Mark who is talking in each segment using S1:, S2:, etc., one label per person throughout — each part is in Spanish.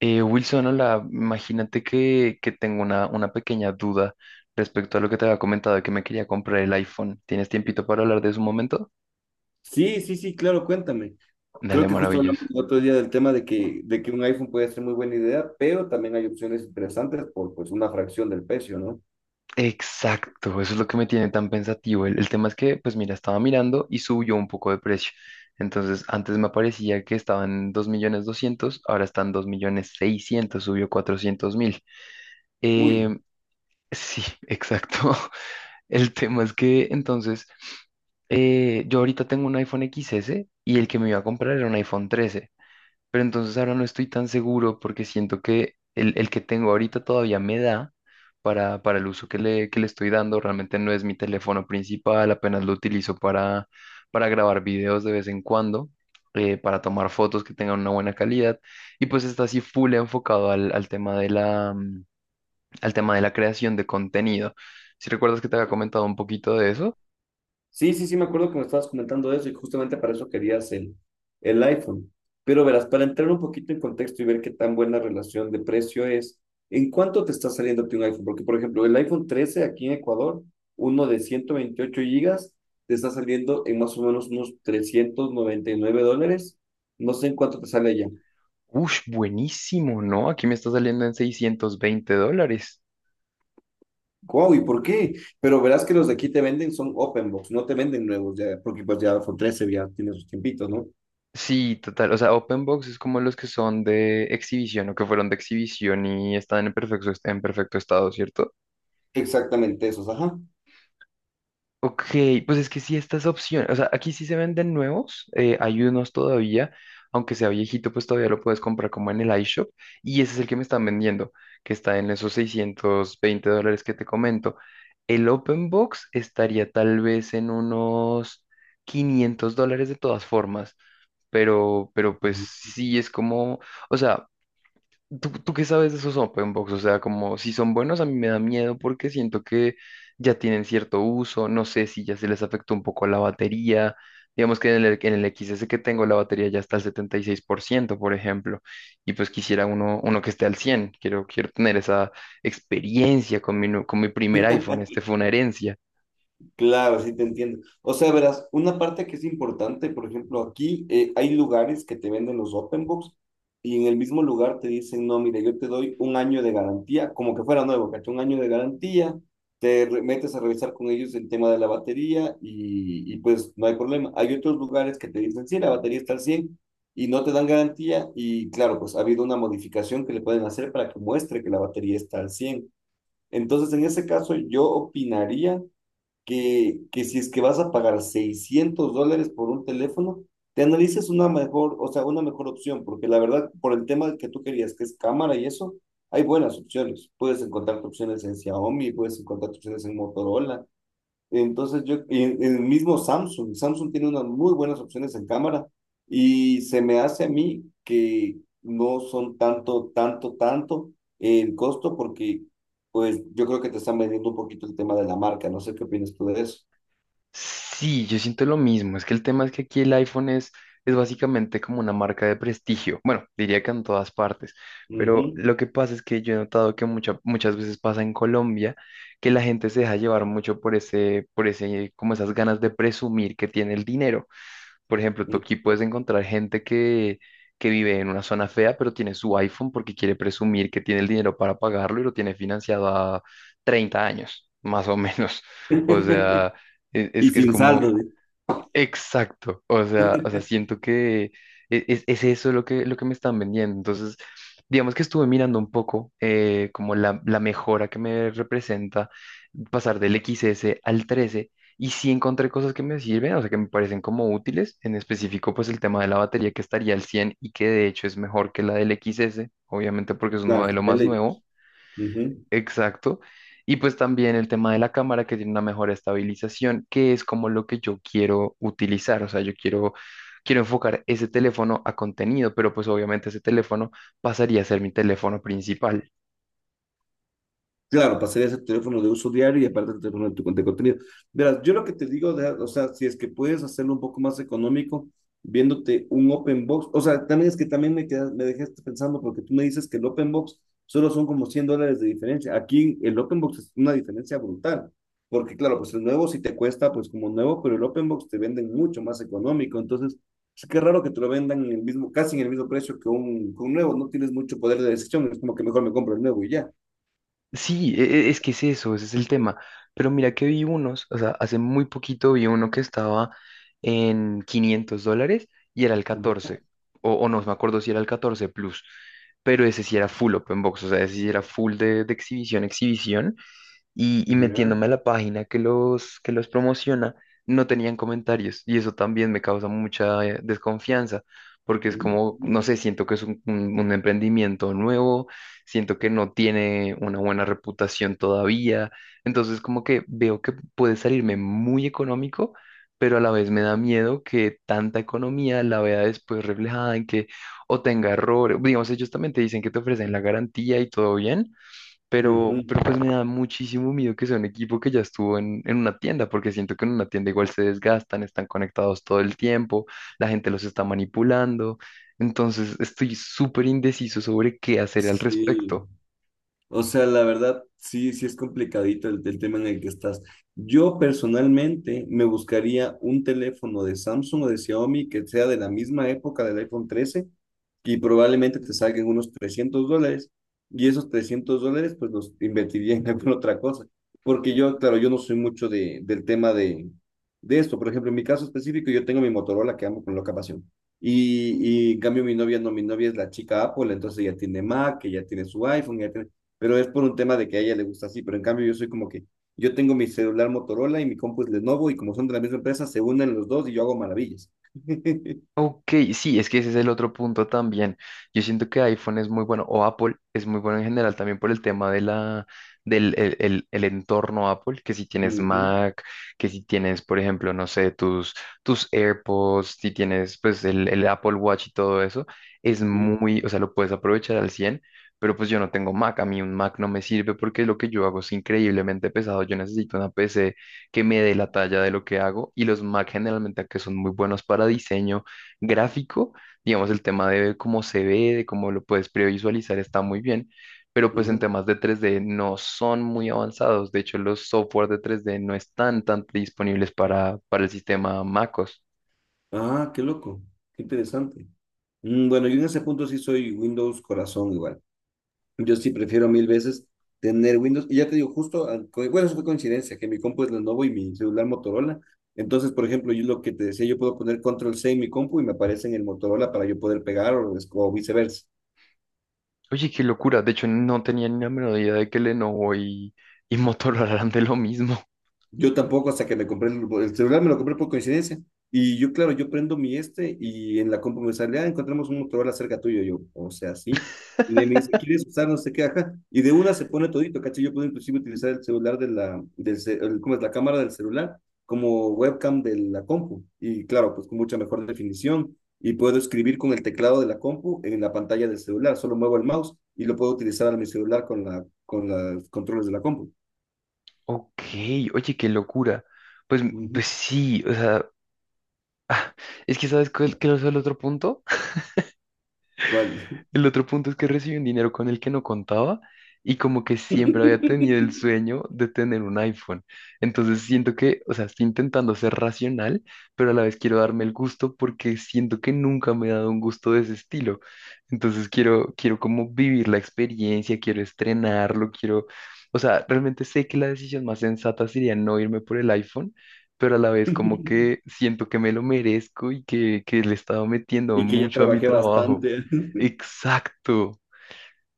S1: Wilson, hola, imagínate que tengo una pequeña duda respecto a lo que te había comentado de que me quería comprar el iPhone. ¿Tienes tiempito para hablar de eso un momento?
S2: Sí, sí, sí, claro, cuéntame. Creo
S1: Dale,
S2: que justo hablamos
S1: maravilloso.
S2: el otro día del tema de que un iPhone puede ser muy buena idea, pero también hay opciones interesantes por pues una fracción del precio, ¿no?
S1: Exacto, eso es lo que me tiene tan pensativo. El tema es que, pues mira, estaba mirando y subió un poco de precio. Entonces, antes me aparecía que estaban dos en 2.200.000, ahora están 2.600.000, subió 400.000. Eh,
S2: Uy.
S1: sí, exacto. El tema es que entonces yo ahorita tengo un iPhone XS y el que me iba a comprar era un iPhone 13, pero entonces ahora no estoy tan seguro porque siento que el que tengo ahorita todavía me da para el uso que que le estoy dando, realmente no es mi teléfono principal, apenas lo utilizo para grabar videos de vez en cuando, para tomar fotos que tengan una buena calidad, y pues está así full enfocado al tema de al tema de la creación de contenido. Si recuerdas que te había comentado un poquito de eso.
S2: Sí, sí, sí, me acuerdo que me estabas comentando eso y justamente para eso querías el iPhone. Pero verás, para entrar un poquito en contexto y ver qué tan buena relación de precio es, ¿en cuánto te está saliendo a ti un iPhone? Porque, por ejemplo, el iPhone 13 aquí en Ecuador, uno de 128 gigas, te está saliendo en más o menos unos $399. No sé en cuánto te sale allá.
S1: Ush, buenísimo, ¿no? Aquí me está saliendo en $620.
S2: ¡Wow! ¿Y por qué? Pero verás que los de aquí te venden son open box, no te venden nuevos ya, porque pues ya iPhone 13 ya tiene sus tiempitos, ¿no?
S1: Sí, total. O sea, open box es como los que son de exhibición o que fueron de exhibición y están en perfecto estado, ¿cierto?
S2: Exactamente esos, ajá.
S1: Ok, pues es que sí, estas opciones, o sea, aquí sí se venden nuevos, hay unos todavía, aunque sea viejito, pues todavía lo puedes comprar como en el iShop, y ese es el que me están vendiendo, que está en esos $620 que te comento. El Open Box estaría tal vez en unos $500 de todas formas, pero pues sí es como, o sea, ¿Tú qué sabes de esos open box? O sea, como si son buenos, a mí me da miedo porque siento que ya tienen cierto uso. No sé si ya se les afectó un poco la batería. Digamos que en el XS que tengo la batería ya está al 76%, por ciento por ejemplo. Y pues quisiera uno que esté al 100. Quiero tener esa experiencia con mi, con mi primer iPhone. Este fue una herencia.
S2: Claro, sí te entiendo. O sea, verás, una parte que es importante, por ejemplo, aquí hay lugares que te venden los open books y en el mismo lugar te dicen, no, mire, yo te doy un año de garantía, como que fuera nuevo, ¿cachai? Un año de garantía, metes a revisar con ellos el tema de la batería y pues no hay problema. Hay otros lugares que te dicen, sí, la batería está al 100 y no te dan garantía y claro, pues ha habido una modificación que le pueden hacer para que muestre que la batería está al cien. Entonces, en ese caso, yo opinaría que si es que vas a pagar $600 por un teléfono, te analices una mejor, o sea, una mejor opción, porque la verdad, por el tema que tú querías, que es cámara y eso, hay buenas opciones. Puedes encontrar opciones en Xiaomi, puedes encontrar opciones en Motorola, entonces yo, y el mismo Samsung, Samsung tiene unas muy buenas opciones en cámara y se me hace a mí que no son tanto, tanto, tanto el costo porque pues yo creo que te están vendiendo un poquito el tema de la marca, no sé qué opinas tú de eso.
S1: Sí, yo siento lo mismo. Es que el tema es que aquí el iPhone es básicamente como una marca de prestigio. Bueno, diría que en todas partes.
S2: Ujú.
S1: Pero lo que pasa es que yo he notado que muchas veces pasa en Colombia que la gente se deja llevar mucho por ese, como esas ganas de presumir que tiene el dinero. Por ejemplo, tú aquí puedes encontrar gente que vive en una zona fea, pero tiene su iPhone porque quiere presumir que tiene el dinero para pagarlo y lo tiene financiado a 30 años, más o menos. O sea, es
S2: Y
S1: que es
S2: sin
S1: como,
S2: saldo, ¿eh?
S1: exacto, o sea, siento que es eso lo que me están vendiendo. Entonces, digamos que estuve mirando un poco como la mejora que me representa pasar del X S al 13 y sí encontré cosas que me sirven, o sea, que me parecen como útiles, en específico pues el tema de la batería que estaría al 100 y que de hecho es mejor que la del X S, obviamente porque es un
S2: Claro,
S1: modelo
S2: de
S1: más
S2: ley.
S1: nuevo. Exacto. Y pues también el tema de la cámara que tiene una mejor estabilización, que es como lo que yo quiero utilizar. O sea, quiero enfocar ese teléfono a contenido, pero pues obviamente ese teléfono pasaría a ser mi teléfono principal.
S2: Claro, pasarías a teléfono de uso diario y aparte el teléfono de tu de contenido. Verás, yo lo que te digo, o sea, si es que puedes hacerlo un poco más económico, viéndote un open box, o sea, también es que también me quedas, me dejaste pensando porque tú me dices que el open box solo son como $100 de diferencia. Aquí el open box es una diferencia brutal, porque claro, pues el nuevo sí te cuesta pues como nuevo, pero el open box te venden mucho más económico, entonces es que raro que te lo vendan en el mismo, casi en el mismo precio que un nuevo, no tienes mucho poder de decisión, es como que mejor me compro el nuevo y ya.
S1: Sí, es que es eso, ese es el tema. Pero mira que vi unos, o sea, hace muy poquito vi uno que estaba en $500 y era el 14 o no me acuerdo si era el 14 Plus, pero ese sí era full open box, o sea, ese sí era full de exhibición, exhibición. Y, y
S2: Ya.
S1: metiéndome a la página que que los promociona, no tenían comentarios y eso también me causa mucha desconfianza porque es como,
S2: Ujú.
S1: no sé, siento que es un emprendimiento nuevo, siento que no tiene una buena reputación todavía, entonces como que veo que puede salirme muy económico. Pero a la vez me da miedo que tanta economía la vea después reflejada en que o tenga errores. Digamos, ellos también te dicen que te ofrecen la garantía y todo bien,
S2: Ujú.
S1: pero pues me da muchísimo miedo que sea un equipo que ya estuvo en una tienda, porque siento que en una tienda igual se desgastan, están conectados todo el tiempo, la gente los está manipulando. Entonces estoy súper indeciso sobre qué hacer al
S2: Sí.
S1: respecto.
S2: O sea, la verdad, sí, sí es complicadito el tema en el que estás. Yo personalmente me buscaría un teléfono de Samsung o de Xiaomi que sea de la misma época del iPhone 13 y probablemente te salgan unos $300 y esos $300 pues los invertiría en alguna otra cosa. Porque yo, claro, yo no soy mucho del tema de esto. Por ejemplo, en mi caso específico, yo tengo mi Motorola que amo con loca pasión. Y en cambio mi novia no, mi novia es la chica Apple, entonces ella tiene Mac, ella tiene su iPhone, ella tiene, pero es por un tema de que a ella le gusta así, pero en cambio yo soy como que yo tengo mi celular Motorola y mi compu es Lenovo y como son de la misma empresa se unen los dos y yo hago maravillas.
S1: Ok, sí, es que ese es el otro punto también. Yo siento que iPhone es muy bueno, o Apple es muy bueno en general también por el tema de del el entorno Apple, que si tienes
S2: Ujú,
S1: Mac, que si tienes, por ejemplo, no sé, tus AirPods, si tienes pues el Apple Watch y todo eso, es
S2: ujú,
S1: muy, o sea, lo puedes aprovechar al 100. Pero pues yo no tengo Mac, a mí un Mac no me sirve porque lo que yo hago es increíblemente pesado, yo necesito una PC que me dé la talla de lo que hago, y los Mac generalmente que son muy buenos para diseño gráfico, digamos, el tema de cómo se ve, de cómo lo puedes previsualizar está muy bien, pero pues en
S2: ujú.
S1: temas de 3D no son muy avanzados. De hecho, los software de 3D no están tan disponibles para el sistema MacOS.
S2: Ah, qué loco, qué interesante. Mm. Bueno, yo en ese punto sí soy Windows corazón igual. Yo sí prefiero mil veces tener Windows. Y ya te digo, justo, bueno, eso fue coincidencia, que mi compu es Lenovo y mi celular Motorola. Entonces, por ejemplo, yo lo que te decía, yo puedo poner Control C en mi compu y me aparece en el Motorola para yo poder pegar o viceversa.
S1: Oye, qué locura. De hecho, no tenía ni la menor idea de que Lenovo y Motorola eran de lo mismo.
S2: Yo tampoco, hasta que me compré el celular, me lo compré por coincidencia. Y yo, claro, yo prendo mi este y en la compu me sale, ah, encontramos un Motorola cerca tuyo. Yo, o sea, sí. Y de ahí me dice, ¿quieres usar? No sé qué, ajá. Y de una se pone todito, ¿cachai? Yo puedo inclusive utilizar el celular de la, del, ce- el- ¿cómo es? La cámara del celular como webcam de la compu. Y claro, pues con mucha mejor definición. Y puedo escribir con el teclado de la compu en la pantalla del celular. Solo muevo el mouse y lo puedo utilizar en mi celular con la, con los controles de la compu.
S1: Ok, oye, qué locura. Pues,
S2: Ujú.
S1: pues sí, o sea, es que sabes cuál qué es el otro punto.
S2: ¿Cuál?
S1: El otro punto es que recibí un dinero con el que no contaba y como que siempre había tenido el sueño de tener un iPhone. Entonces siento que, o sea, estoy intentando ser racional, pero a la vez quiero darme el gusto porque siento que nunca me he dado un gusto de ese estilo. Entonces quiero como vivir la experiencia, quiero estrenarlo, quiero, o sea, realmente sé que la decisión más sensata sería no irme por el iPhone. Pero a la vez como
S2: y
S1: que siento que me lo merezco y que le he estado metiendo
S2: que ya
S1: mucho a mi
S2: trabajé
S1: trabajo.
S2: bastante.
S1: Exacto.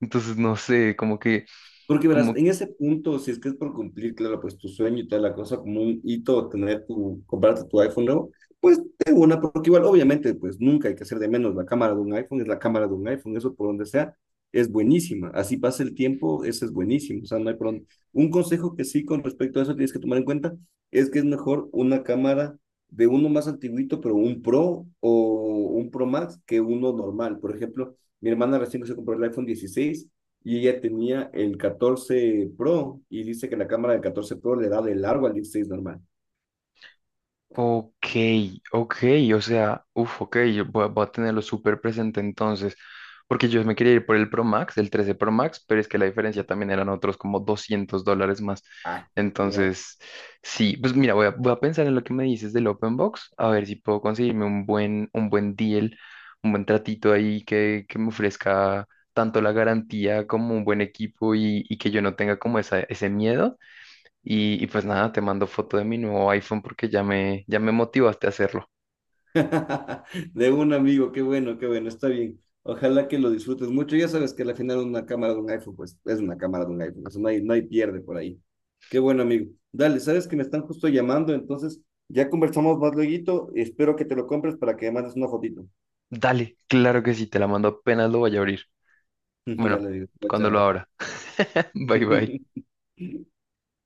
S1: Entonces, no sé, como que,
S2: Porque verás,
S1: como,
S2: en ese punto, si es que es por cumplir, claro, pues tu sueño y toda la cosa, como un hito, tener tu, comprarte tu iPhone nuevo, pues de una, porque igual, obviamente, pues nunca hay que hacer de menos la cámara de un iPhone, es la cámara de un iPhone, eso por donde sea, es buenísima. Así pasa el tiempo, eso es buenísimo. O sea, no hay por dónde. Un consejo que sí con respecto a eso tienes que tomar en cuenta es que es mejor una cámara de uno más antiguito, pero un Pro o un Pro Max que uno normal. Por ejemplo, mi hermana recién que se compró el iPhone 16 y ella tenía el 14 Pro y dice que la cámara del 14 Pro le da de largo al 16 normal.
S1: ok, ok, o sea, uff, ok, yo voy, a voy a tenerlo súper presente entonces, porque yo me quería ir por el Pro Max, el 13 Pro Max, pero es que la diferencia también eran otros como $200 más.
S2: Ah, ya.
S1: Entonces, sí, pues mira, voy a pensar en lo que me dices del Open Box, a ver si puedo conseguirme un buen deal, un buen tratito ahí que me ofrezca tanto la garantía como un buen equipo y que yo no tenga como esa, ese miedo. Y pues nada, te mando foto de mi nuevo iPhone porque ya ya me motivaste a hacerlo.
S2: Yeah. De un amigo, qué bueno, está bien. Ojalá que lo disfrutes mucho. Ya sabes que al final una cámara de un iPhone, pues es una cámara de un iPhone, eso no hay pierde por ahí. Qué bueno, amigo. Dale, sabes que me están justo llamando, entonces ya conversamos más luego. Espero que te lo compres para que me mandes una fotito.
S1: Dale, claro que sí, te la mando apenas lo vaya a abrir. Bueno,
S2: Dale, amigo.
S1: cuando lo
S2: Chao.
S1: abra. Bye bye.
S2: Chao.